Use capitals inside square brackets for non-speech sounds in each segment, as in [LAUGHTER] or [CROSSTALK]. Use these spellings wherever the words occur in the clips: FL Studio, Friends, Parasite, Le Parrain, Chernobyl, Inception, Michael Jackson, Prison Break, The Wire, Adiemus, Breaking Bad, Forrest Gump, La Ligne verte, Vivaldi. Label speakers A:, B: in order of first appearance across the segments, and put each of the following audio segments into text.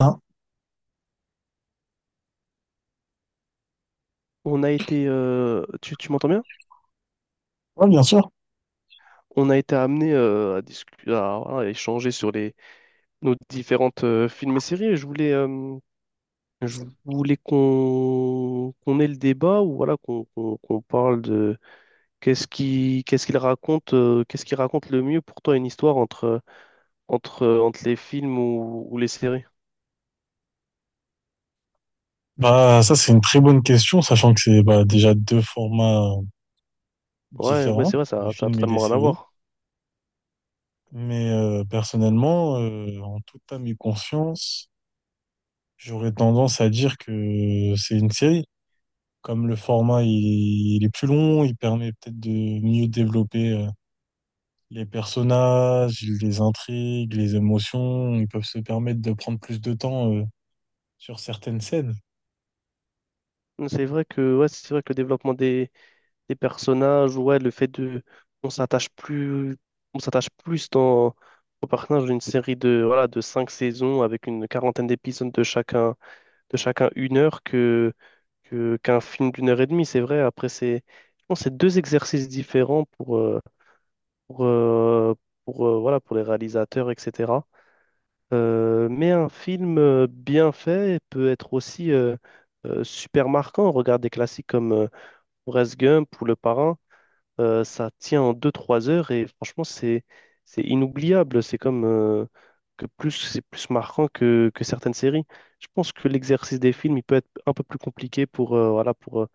A: Hein,
B: On a été, tu m'entends bien?
A: ouais, bien sûr.
B: On a été amené à discuter, à, voilà, à échanger sur les nos différentes films et séries. Et je voulais, je voulais qu'on ait le débat ou voilà qu'on parle de qu'est-ce qui qu'est-ce qu'il raconte, qu'est-ce qui raconte le mieux pour toi une histoire entre entre les films ou les séries.
A: Bah, ça, c'est une très bonne question, sachant que c'est bah, déjà deux formats
B: Ouais, ouais, c'est
A: différents,
B: vrai,
A: les
B: ça a
A: films et les
B: totalement rien à
A: séries.
B: voir.
A: Mais personnellement, en toute âme et conscience, j'aurais tendance à dire que c'est une série. Comme le format, il est plus long, il permet peut-être de mieux développer les personnages, les intrigues, les émotions. Ils peuvent se permettre de prendre plus de temps sur certaines scènes.
B: C'est vrai que ouais, c'est vrai que le développement des personnages, ouais, le fait de, on s'attache plus, on s'attache plus dans, au personnage d'une série de, voilà, de 5 saisons avec une quarantaine d'épisodes de chacun 1 heure que, qu'un film d'1 heure et demie, c'est vrai. Après, c'est, je pense, que c'est deux exercices différents pour, euh, pour, voilà, pour les réalisateurs, etc. Mais un film bien fait peut être aussi super marquant. Regarde des classiques comme Forrest Gump ou Le Parrain. Ça tient en 2-3 heures et franchement, c'est inoubliable. C'est comme que plus c'est plus marquant que certaines séries. Je pense que l'exercice des films, il peut être un peu plus compliqué pour, voilà,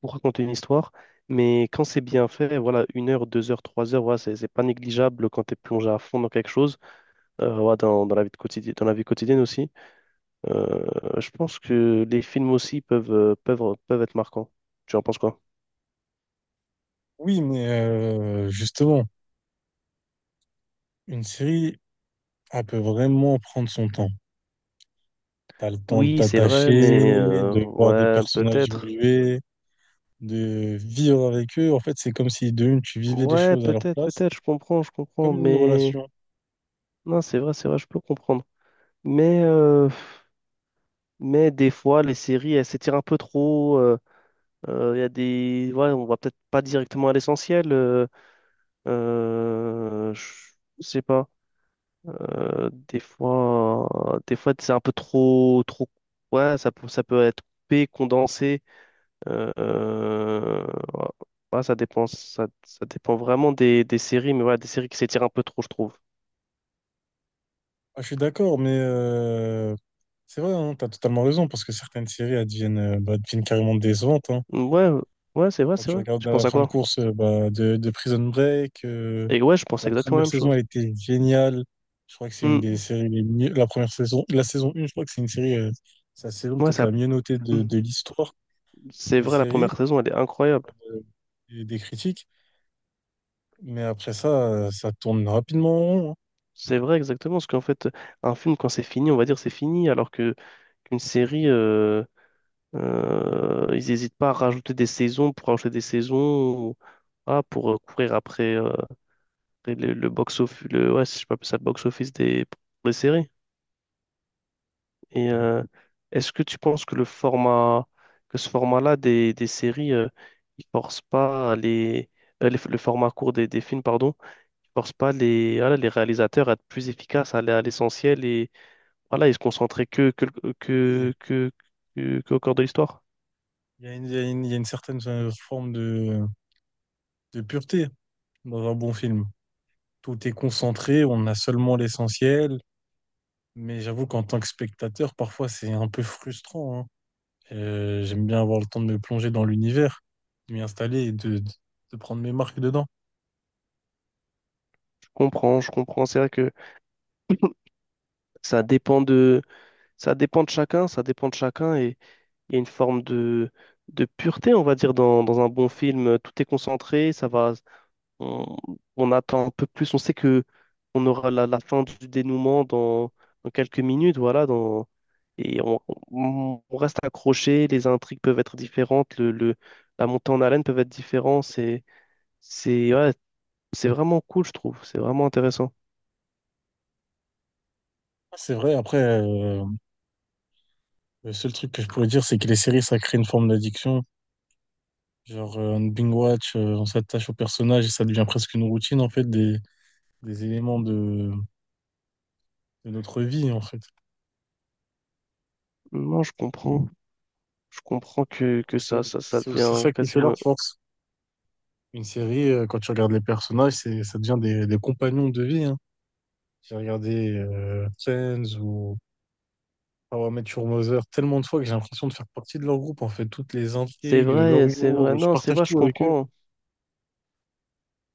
B: pour raconter une histoire. Mais quand c'est bien fait, voilà, 1 heure, 2 heures, 3 heures, voilà, c'est pas négligeable quand tu es plongé à fond dans quelque chose, voilà, dans, dans la vie de quotidienne, dans la vie quotidienne aussi. Euh, je pense que les films aussi peuvent, peuvent, peuvent être marquants. Tu en penses quoi?
A: Oui, mais justement, une série on peut vraiment prendre son temps. T'as le temps de
B: Oui, c'est vrai,
A: t'attacher,
B: mais
A: de voir des
B: ouais,
A: personnages
B: peut-être.
A: évoluer, de vivre avec eux. En fait, c'est comme si de une, tu vivais les
B: Ouais,
A: choses à leur
B: peut-être,
A: place,
B: peut-être, je comprends,
A: comme une
B: mais
A: relation.
B: non, c'est vrai, je peux comprendre. Mais, euh, mais des fois, les séries, elles s'étirent un peu trop. Il y a des, ouais, on va peut-être pas directement à l'essentiel. Euh, je je sais pas. Des fois, des fois, c'est un peu trop, trop. Ouais, ça peut être coupé, condensé. euh, euh, ouais, ça dépend, ça dépend vraiment des séries, mais ouais, des séries qui s'étirent un peu trop, je trouve.
A: Ah, je suis d'accord, mais c'est vrai, hein, t'as totalement raison, parce que certaines séries, elles deviennent, bah, deviennent carrément décevantes, hein.
B: Ouais, ouais, c'est vrai,
A: Quand
B: c'est
A: tu
B: vrai.
A: regardes
B: Tu penses
A: la
B: à
A: fin de
B: quoi?
A: course bah, de Prison Break,
B: Et ouais, je pense
A: la
B: exactement
A: première
B: la même
A: saison, elle
B: chose.
A: était géniale. Je crois que c'est une des
B: Mm,
A: séries les mieux. La première saison, la saison 1, je crois que c'est une série, c'est la saison
B: ouais,
A: peut-être
B: ça,
A: la mieux notée
B: mm,
A: de l'histoire
B: c'est
A: des
B: vrai, la
A: séries,
B: première saison, elle est incroyable.
A: euh, et des critiques. Mais après ça, ça tourne rapidement en rond, hein.
B: C'est vrai, exactement, parce qu'en fait, un film, quand c'est fini, on va dire c'est fini, alors que qu'une série, ils n'hésitent pas à rajouter des saisons pour rajouter des saisons, ah, pour courir après, après le, box-office, le, ouais, si je peux appeler ça le box-office des séries. Et est-ce que tu penses que le format, que ce format-là des séries, il force pas les, le format court des films, pardon, il force pas les, voilà, les réalisateurs à être plus efficaces, à aller à l'essentiel et voilà, ils se concentrer
A: Oui,
B: que, qu'au cœur de l'histoire?
A: il y a une, il y a une certaine forme de pureté dans un bon film. Tout est concentré, on a seulement l'essentiel. Mais j'avoue qu'en tant que spectateur, parfois c'est un peu frustrant, hein. J'aime bien avoir le temps de me plonger dans l'univers, de m'y installer et de prendre mes marques dedans.
B: Je comprends, je comprends. C'est vrai que ça dépend de, ça dépend de chacun, ça dépend de chacun et il y a une forme de pureté, on va dire, dans, dans un bon film. Tout est concentré, ça va. on, on attend un peu plus. On sait que on aura la, la fin du dénouement dans, dans quelques minutes, voilà, dans, et on, on reste accroché. Les intrigues peuvent être différentes, le, la montée en haleine peut être différente. C'est, ouais, c'est vraiment cool, je trouve. C'est vraiment intéressant.
A: C'est vrai, après, le seul truc que je pourrais dire, c'est que les séries, ça crée une forme d'addiction. Genre, on binge-watch, on s'attache au personnage et ça devient presque une routine, en fait, des éléments de notre vie, en fait.
B: Non, je comprends. Je comprends
A: Après,
B: que ça,
A: C'est,
B: ça, ça
A: c'est aussi
B: devient
A: ça qui fait leur
B: quasiment.
A: force. Une série, quand tu regardes les personnages, c'est, ça devient des compagnons de vie, hein. J'ai regardé Friends ou ah ouais, Mathieu Mother, tellement de fois que j'ai l'impression de faire partie de leur groupe, en fait. Toutes les
B: C'est
A: intrigues, leur
B: vrai, c'est vrai.
A: humour, je
B: Non, c'est
A: partage
B: vrai, je
A: tout avec eux.
B: comprends.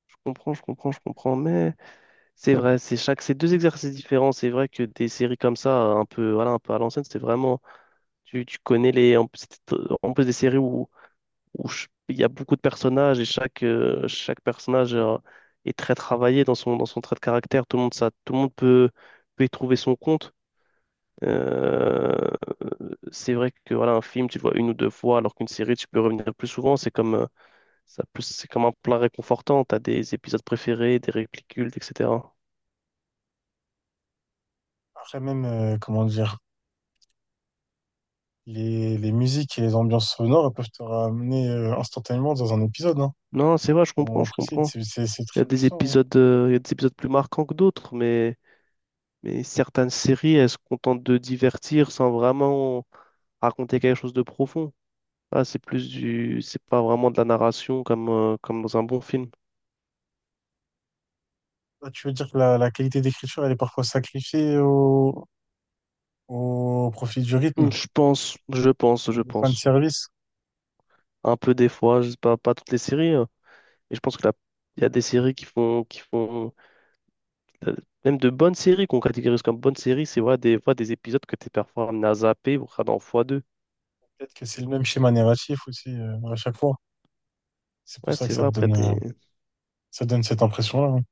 B: Je comprends, je comprends, je comprends. Mais. C'est vrai, c'est chaque, c'est deux exercices différents. C'est vrai que des séries comme ça, un peu, voilà, un peu à l'ancienne, c'était vraiment, tu connais les, en, c'était, en plus des séries où, il y a beaucoup de personnages et chaque, chaque personnage est très travaillé dans son trait de caractère. Tout le monde, ça, tout le monde peut, peut y trouver son compte. Euh, c'est vrai que voilà, un film, tu le vois une ou deux fois, alors qu'une série, tu peux revenir plus souvent. C'est comme, ça, plus, c'est comme un plat réconfortant. T'as des épisodes préférés, des répliques cultes, etc.
A: Après même, comment dire, les musiques et les ambiances sonores elles peuvent te ramener instantanément dans un épisode, hein,
B: Non, c'est vrai, je
A: au
B: comprends,
A: moment
B: je
A: précis.
B: comprends.
A: C'est
B: Il y a
A: très
B: des
A: puissant, hein.
B: épisodes, il y a des épisodes plus marquants que d'autres, mais certaines séries, elles se contentent de divertir sans vraiment raconter quelque chose de profond. Là, c'est plus du, c'est pas vraiment de la narration comme, comme dans un bon film.
A: Là, tu veux dire que la qualité d'écriture, elle est parfois sacrifiée au, au profit du
B: Mm,
A: rythme,
B: je pense, je pense,
A: ou
B: je
A: du
B: pense.
A: fanservice.
B: Un peu des fois, je sais pas, pas toutes les séries, hein, mais je pense que il y a des séries qui font, euh, même de bonnes séries qu'on catégorise comme bonnes séries, c'est vrai, des fois des épisodes que t'es parfois amené à zapper, voire dans x2.
A: Peut-être que c'est le même schéma narratif aussi à chaque fois. C'est pour
B: Ouais,
A: ça que
B: c'est
A: ça
B: vrai,
A: te
B: après,
A: donne, ça donne cette impression-là, hein.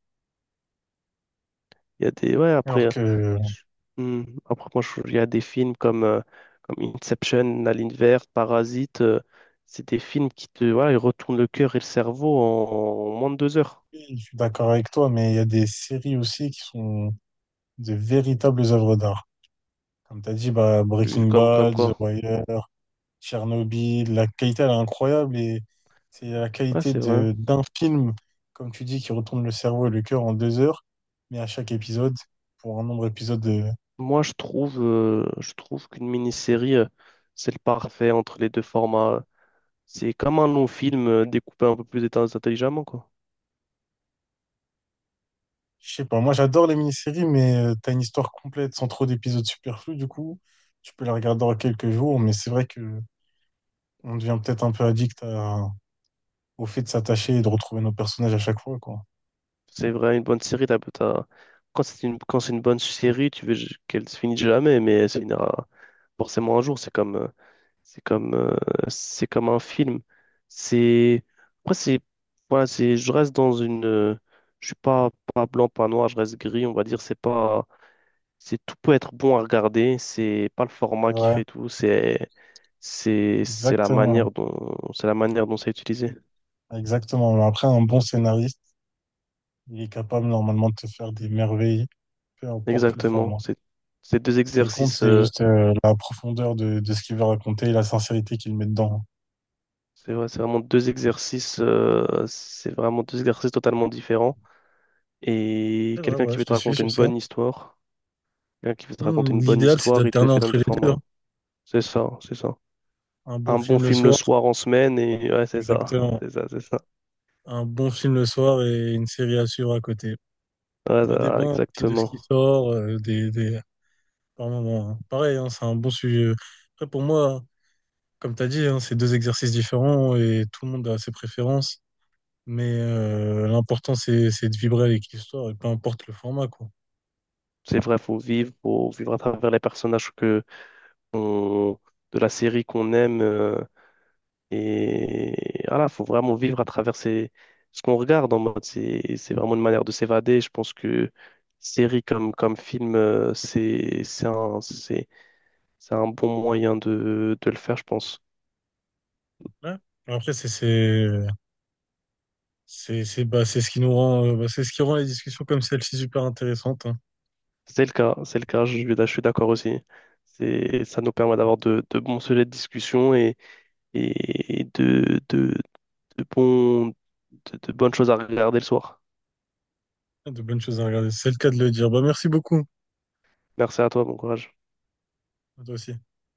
B: il y a des, ouais, après,
A: Alors que,
B: je- hmm, après moi, il y a des films comme, comme Inception, La Ligne verte, Parasite. C'est des films qui te, voilà, ils retournent le cœur et le cerveau en, en moins de 2 heures.
A: oui, je suis d'accord avec toi, mais il y a des séries aussi qui sont de véritables œuvres d'art. Comme tu as dit, bah, Breaking
B: Comme, comme
A: Bad, The
B: quoi.
A: Wire, Tchernobyl, la qualité, elle est incroyable et c'est la
B: Ouais,
A: qualité
B: c'est vrai.
A: d'un film, comme tu dis, qui retourne le cerveau et le cœur en 2 heures, mais à chaque épisode, pour un nombre d'épisodes
B: Moi, je trouve qu'une mini-série, c'est le parfait entre les deux formats. C'est comme un long film découpé un peu plus intelligemment, quoi.
A: je sais pas, moi j'adore les mini-séries, mais t'as une histoire complète sans trop d'épisodes superflus, du coup, tu peux la regarder en quelques jours, mais c'est vrai que on devient peut-être un peu addict à- au fait de s'attacher et de retrouver nos personnages à chaque fois, quoi.
B: C'est vrai, une bonne série, quand c'est une, quand c'est une bonne série, tu veux qu'elle se finisse jamais, mais c'est une forcément un jour. C'est comme, c'est comme, c'est comme un film. C'est, après, c'est, voilà, c'est, je reste dans une, je suis pas, pas blanc, pas noir, je reste gris, on va dire. C'est pas, c'est tout peut être bon à regarder. C'est pas le
A: C'est
B: format qui
A: vrai,
B: fait tout. C'est la
A: exactement,
B: manière dont, c'est la manière dont c'est utilisé.
A: exactement. Mais après, un bon scénariste, il est capable normalement de te faire des merveilles, peu importe le
B: Exactement.
A: format.
B: C'est deux
A: Ce qui compte,
B: exercices.
A: c'est juste la profondeur de ce qu'il veut raconter et la sincérité qu'il met dedans.
B: C'est vrai, c'est vraiment deux exercices, c'est vraiment deux exercices totalement différents. Et
A: C'est vrai,
B: quelqu'un qui
A: ouais, je
B: veut te
A: te suis
B: raconter
A: sur
B: une
A: ça.
B: bonne histoire, quelqu'un qui veut te raconter
A: Hmm,
B: une bonne
A: l'idéal, c'est
B: histoire, il te les
A: d'alterner
B: fait dans
A: entre
B: le
A: les
B: format
A: deux, hein.
B: 1. C'est ça, c'est ça.
A: Un bon
B: Un bon
A: film le
B: film le
A: soir
B: soir en semaine et ouais, c'est ça. [LAUGHS]
A: exactement.
B: C'est ça, c'est ça.
A: Un bon film le soir et une série à suivre à côté.
B: Ouais,
A: Ça
B: ça,
A: dépend aussi de ce qui
B: exactement.
A: sort, des... par moment, hein. Pareil, hein, c'est un bon sujet. Après, pour moi, comme tu as dit, hein, c'est deux exercices différents et tout le monde a ses préférences. Mais l'important, c'est de vibrer avec l'histoire et peu importe le format, quoi.
B: C'est vrai, faut vivre à travers les personnages que on- de la série qu'on aime. Et voilà, faut vraiment vivre à travers ce qu'on regarde en mode. C'est vraiment une manière de s'évader. Je pense que série comme, comme film, c'est un, c'est un bon moyen de le faire, je pense.
A: Ouais. Après, c'est, bah, c'est ce qui nous rend, bah, c'est ce qui rend les discussions comme celle-ci super intéressantes, hein.
B: C'est le cas, je, je suis d'accord aussi. C'est, ça nous permet d'avoir de bons sujets de discussion et de, bons, de bonnes choses à regarder le soir.
A: De bonnes choses à regarder. C'est le cas de le dire. Bah, merci beaucoup.
B: Merci à toi, bon courage.
A: À toi aussi.